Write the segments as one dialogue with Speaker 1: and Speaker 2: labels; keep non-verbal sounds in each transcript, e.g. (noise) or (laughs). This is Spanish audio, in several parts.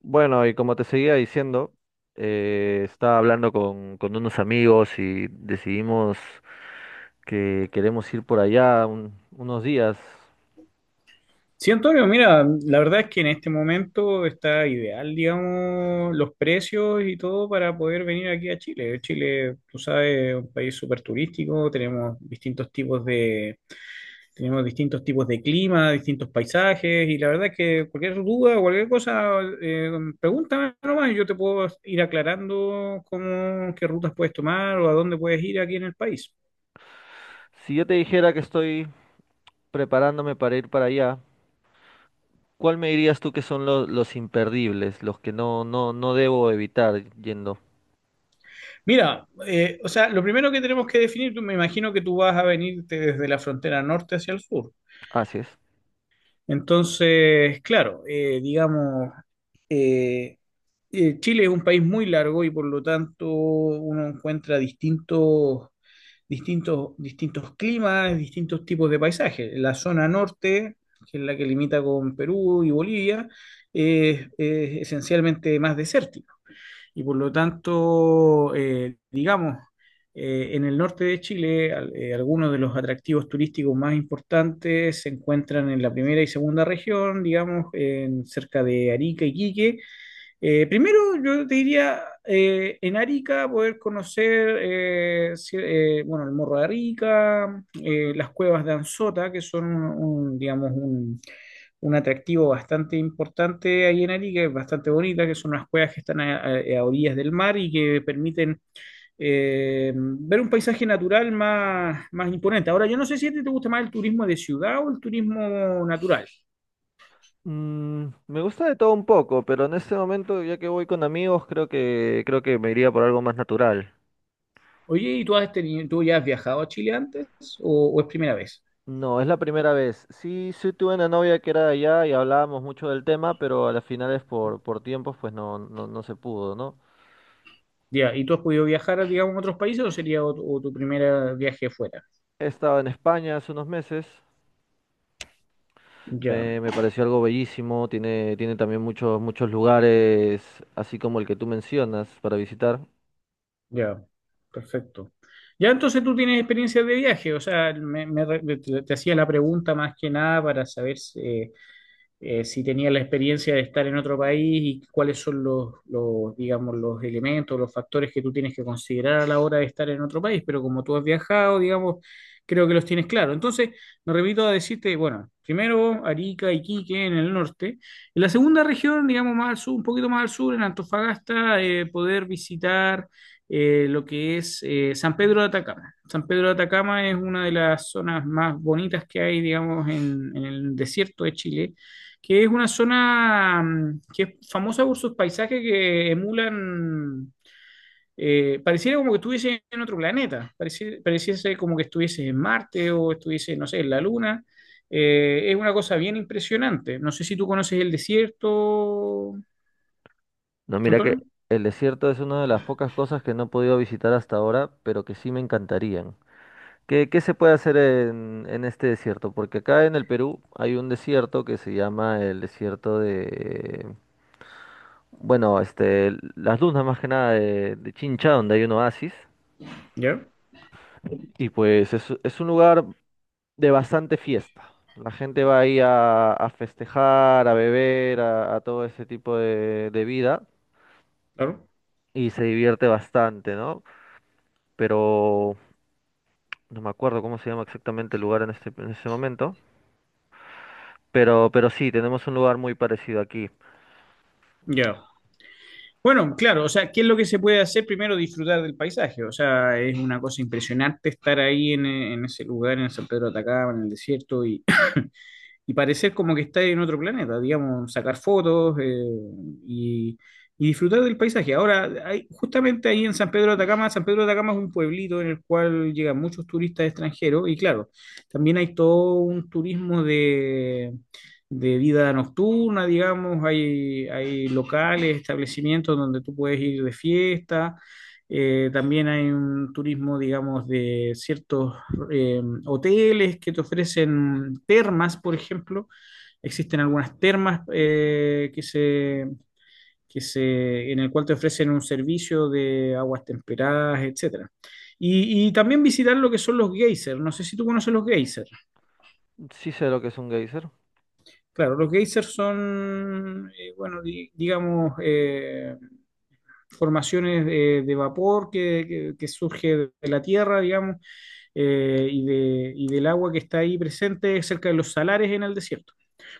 Speaker 1: Bueno, y como te seguía diciendo, estaba hablando con unos amigos y decidimos que queremos ir por allá unos días.
Speaker 2: Sí, Antonio, mira, la verdad es que en este momento está ideal, digamos, los precios y todo para poder venir aquí a Chile. Chile, tú sabes, es un país súper turístico, tenemos distintos tipos de clima, distintos paisajes, y la verdad es que cualquier duda, o cualquier cosa, pregúntame nomás y yo te puedo ir aclarando cómo, qué rutas puedes tomar o a dónde puedes ir aquí en el país.
Speaker 1: Si yo te dijera que estoy preparándome para ir para allá, ¿cuál me dirías tú que son los imperdibles, los que no debo evitar yendo?
Speaker 2: Mira, o sea, lo primero que tenemos que definir, me imagino que tú vas a venirte desde la frontera norte hacia el sur.
Speaker 1: Así es.
Speaker 2: Entonces, claro, digamos, eh, Chile es un país muy largo y por lo tanto uno encuentra distintos climas, distintos tipos de paisajes. La zona norte, que es la que limita con Perú y Bolivia, es esencialmente más desértica y por lo tanto, digamos, en el norte de Chile, algunos de los atractivos turísticos más importantes se encuentran en la primera y segunda región, digamos, en cerca de Arica y Quique, primero, yo te diría en Arica poder conocer bueno, el Morro de Arica, las cuevas de Anzota, que son un, digamos, un, un atractivo bastante importante ahí en Arica, es bastante bonita, que son unas cuevas que están a orillas del mar y que permiten ver un paisaje natural más imponente. Ahora, yo no sé si a ti te gusta más el turismo de ciudad o el turismo natural.
Speaker 1: Me gusta de todo un poco, pero en este momento, ya que voy con amigos, creo que me iría por algo más natural.
Speaker 2: Oye, ¿y tú, has tenido, tú ya has viajado a Chile antes o es primera vez?
Speaker 1: No, es la primera vez. Sí, sí tuve una novia que era de allá y hablábamos mucho del tema, pero a las finales por tiempos pues no se pudo, ¿no?
Speaker 2: Ya, ¿y tú has podido viajar, digamos, a otros países o sería o tu primer viaje fuera?
Speaker 1: He estado en España hace unos meses,
Speaker 2: Ya,
Speaker 1: me pareció algo bellísimo, tiene también muchos, muchos lugares, así como el que tú mencionas, para visitar.
Speaker 2: ya, perfecto. Ya, entonces tú tienes experiencia de viaje, o sea, te hacía la pregunta más que nada para saber si, si tenía la experiencia de estar en otro país y cuáles son digamos, los elementos, los factores que tú tienes que considerar a la hora de estar en otro país, pero como tú has viajado, digamos, creo que los tienes claro. Entonces, me repito a decirte, bueno, primero Arica, Iquique en el norte, en la segunda región, digamos, más al sur, un poquito más al sur, en Antofagasta, poder visitar... lo que es San Pedro de Atacama. San Pedro de Atacama es una de las zonas más bonitas que hay, digamos, en el desierto de Chile que es una zona que es famosa por sus paisajes que emulan, pareciera como que estuviese en otro planeta, pareciese como que estuviese en Marte o estuviese, no sé, en la Luna. Es una cosa bien impresionante. No sé si tú conoces el desierto,
Speaker 1: No, mira que
Speaker 2: Antonio.
Speaker 1: el desierto es una de las pocas cosas que no he podido visitar hasta ahora, pero que sí me encantarían. ¿Qué se puede hacer en este desierto? Porque acá en el Perú hay un desierto que se llama el desierto de, bueno, este, las dunas más que nada de Chincha, donde hay un oasis.
Speaker 2: Ya,
Speaker 1: Y pues es un lugar de bastante fiesta. La gente va ahí a festejar, a beber, a todo ese tipo de vida
Speaker 2: claro.
Speaker 1: y se divierte bastante, ¿no? Pero no me acuerdo cómo se llama exactamente el lugar en ese momento. Pero sí, tenemos un lugar muy parecido aquí.
Speaker 2: Ya. Bueno, claro, o sea, ¿qué es lo que se puede hacer? Primero disfrutar del paisaje, o sea, es una cosa impresionante estar ahí en ese lugar, en San Pedro de Atacama, en el desierto, y parecer como que está en otro planeta, digamos, sacar fotos y, y disfrutar del paisaje. Ahora, hay, justamente ahí en San Pedro de Atacama, San Pedro de Atacama es un pueblito en el cual llegan muchos turistas extranjeros y claro, también hay todo un turismo de vida nocturna, digamos, hay locales, establecimientos donde tú puedes ir de fiesta. También hay un turismo, digamos, de ciertos eh, hoteles que te ofrecen termas, por ejemplo. Existen algunas termas que se, en el cual te ofrecen un servicio de aguas temperadas, etcétera. Y también visitar lo que son los geysers. No sé si tú conoces los geysers.
Speaker 1: Sí sé lo que es un geyser,
Speaker 2: Claro, los geysers son, bueno, digamos, formaciones de vapor que, que surge de la tierra, digamos, y, y del agua que está ahí presente cerca de los salares en el desierto.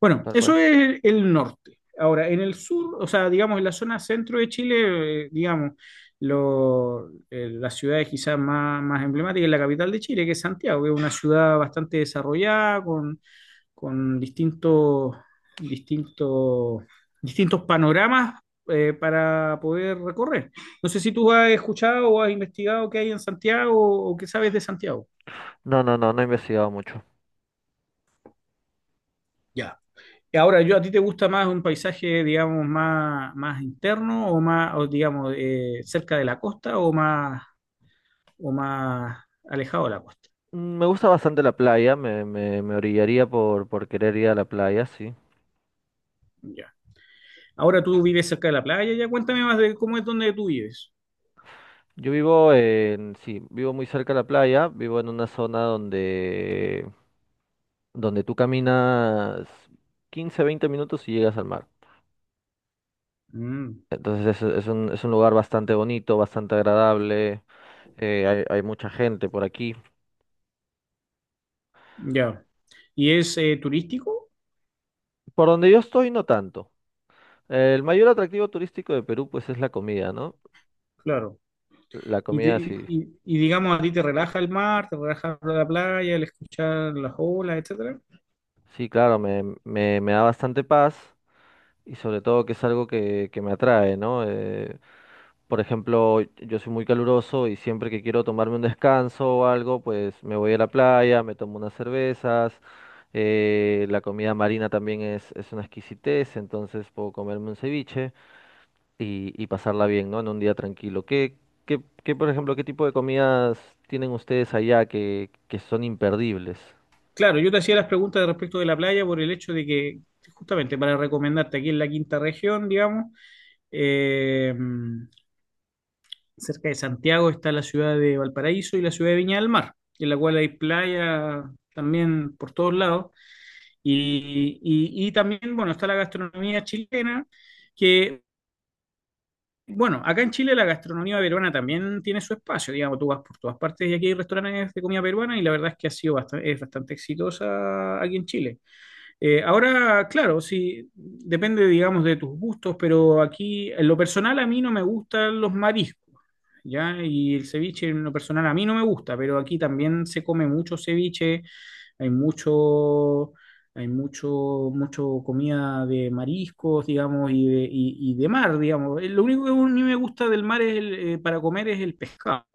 Speaker 2: Bueno,
Speaker 1: tal cual.
Speaker 2: eso es el norte. Ahora, en el sur, o sea, digamos, en la zona centro de Chile, digamos, las ciudades quizás más, más emblemáticas es la capital de Chile, que es Santiago, que es una ciudad bastante desarrollada, con, con distintos, distintos, distintos panoramas para poder recorrer. No sé si tú has escuchado o has investigado qué hay en Santiago o qué sabes de Santiago.
Speaker 1: No he investigado mucho.
Speaker 2: Ya. Y ahora, yo, ¿a ti te gusta más un paisaje, digamos, más, más interno o más, o, digamos, cerca de la costa o más alejado de la costa?
Speaker 1: Mm. Me gusta bastante la playa, me orillaría por querer ir a la playa, sí.
Speaker 2: Ya. Ahora tú vives cerca de la playa, ya cuéntame más de cómo es donde tú vives.
Speaker 1: Yo vivo en, sí, vivo muy cerca de la playa, vivo en una zona donde tú caminas 15, 20 minutos y llegas al mar.
Speaker 2: Mm,
Speaker 1: Entonces es un lugar bastante bonito, bastante agradable, hay mucha gente por aquí.
Speaker 2: ya. ¿Y es turístico?
Speaker 1: Por donde yo estoy, no tanto. El mayor atractivo turístico de Perú, pues es la comida, ¿no?
Speaker 2: Claro.
Speaker 1: La
Speaker 2: Y, te-
Speaker 1: comida, sí.
Speaker 2: y, digamos, ¿a ti te relaja el mar, te relaja la playa, el escuchar las olas, etcétera?
Speaker 1: Sí, claro, me da bastante paz y sobre todo que es algo que me atrae, ¿no? Por ejemplo, yo soy muy caluroso y siempre que quiero tomarme un descanso o algo, pues me voy a la playa, me tomo unas cervezas, la comida marina también es una exquisitez, entonces puedo comerme un ceviche y pasarla bien, ¿no? En un día tranquilo. ¿Qué, por ejemplo, qué tipo de comidas tienen ustedes allá que son imperdibles?
Speaker 2: Claro, yo te hacía las preguntas respecto de la playa por el hecho de que, justamente para recomendarte, aquí en la quinta región, digamos, eh, cerca de Santiago está la ciudad de Valparaíso y la ciudad de Viña del Mar, en la cual hay playa también por todos lados. Y también, bueno, está la gastronomía chilena, que, bueno, acá en Chile la gastronomía peruana también tiene su espacio, digamos, tú vas por todas partes y aquí hay restaurantes de comida peruana y la verdad es que ha sido bastante, es bastante exitosa aquí en Chile. Ahora, claro, sí, depende, digamos, de tus gustos, pero aquí, en lo personal, a mí no me gustan los mariscos, ¿ya? Y el ceviche, en lo personal, a mí no me gusta, pero aquí también se come mucho ceviche, hay mucho, hay mucho, mucho comida de mariscos, digamos, y de, y de mar, digamos. Lo único que a mí me gusta del mar es el, para comer es el pescado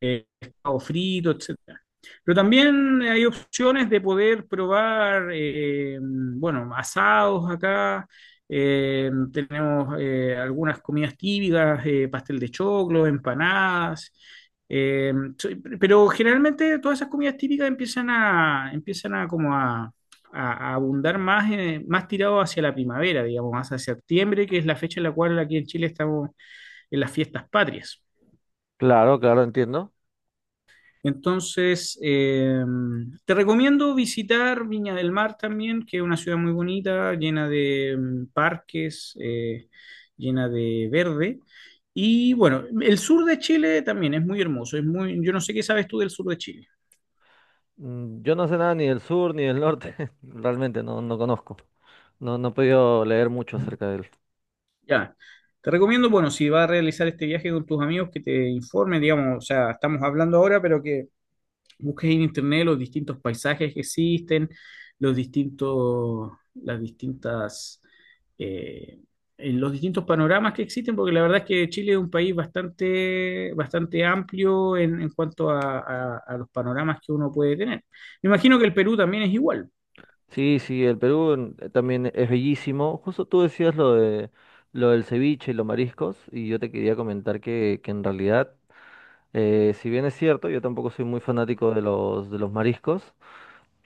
Speaker 2: pescado frito, etcétera. Pero también hay opciones de poder probar, bueno, asados acá. Tenemos algunas comidas típicas, pastel de choclo, empanadas. eh, so- pero generalmente todas esas comidas típicas empiezan a como a, a abundar más, más tirado hacia la primavera, digamos, más hacia septiembre, que es la fecha en la cual aquí en Chile estamos en las fiestas patrias.
Speaker 1: Claro, claro, entiendo.
Speaker 2: Entonces, te recomiendo visitar Viña del Mar también, que es una ciudad muy bonita, llena de parques, llena de verde. Y bueno, el sur de Chile también es muy hermoso. Es muy, yo no sé qué sabes tú del sur de Chile.
Speaker 1: Mm. Yo no sé nada ni del sur ni del norte, (laughs) realmente no conozco. No he podido leer mucho acerca de él.
Speaker 2: Ya. Te recomiendo, bueno, si vas a realizar este viaje con tus amigos, que te informen, digamos, o sea, estamos hablando ahora, pero que busques en internet los distintos paisajes que existen, los distintos, las distintas, eh, en los distintos panoramas que existen, porque la verdad es que Chile es un país bastante, bastante amplio en cuanto a, a los panoramas que uno puede tener. Me imagino que el Perú también es igual,
Speaker 1: Sí, sí, el Perú, mm, también es bellísimo. Justo tú decías lo de lo del ceviche y los mariscos, y yo te quería comentar que en realidad, si bien es cierto, yo tampoco soy muy fanático de de los mariscos,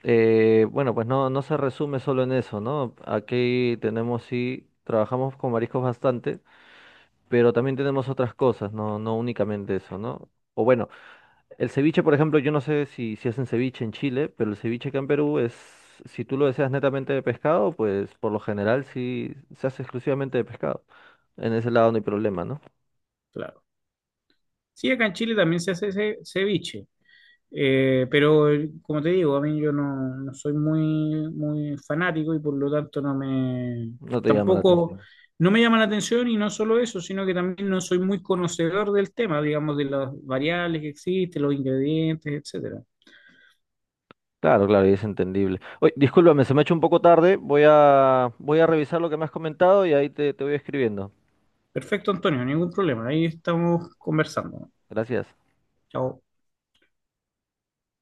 Speaker 1: bueno, pues no se resume solo en eso, ¿no? Aquí tenemos sí, trabajamos con mariscos bastante, pero también tenemos otras cosas, no únicamente eso, ¿no? O bueno. El ceviche, por ejemplo, yo no sé si hacen ceviche en Chile, pero el ceviche acá en Perú es, si tú lo deseas netamente de pescado, pues por lo general sí se hace exclusivamente de pescado. En ese lado no hay problema, ¿no?
Speaker 2: claro. Sí, acá en Chile también se hace ceviche. Pero como te digo, a mí yo no, no soy muy, muy fanático y por lo tanto no me,
Speaker 1: No te llama la
Speaker 2: tampoco,
Speaker 1: atención.
Speaker 2: no me llama la atención y no solo eso, sino que también no soy muy conocedor del tema, digamos, de las variables que existen, los ingredientes, etcétera.
Speaker 1: Claro, claro, y es entendible. Oye, discúlpame, se me ha hecho un poco tarde. Voy a revisar lo que me has comentado y ahí te voy escribiendo.
Speaker 2: Perfecto, Antonio, ningún problema, ahí estamos conversando.
Speaker 1: Gracias.
Speaker 2: Chao.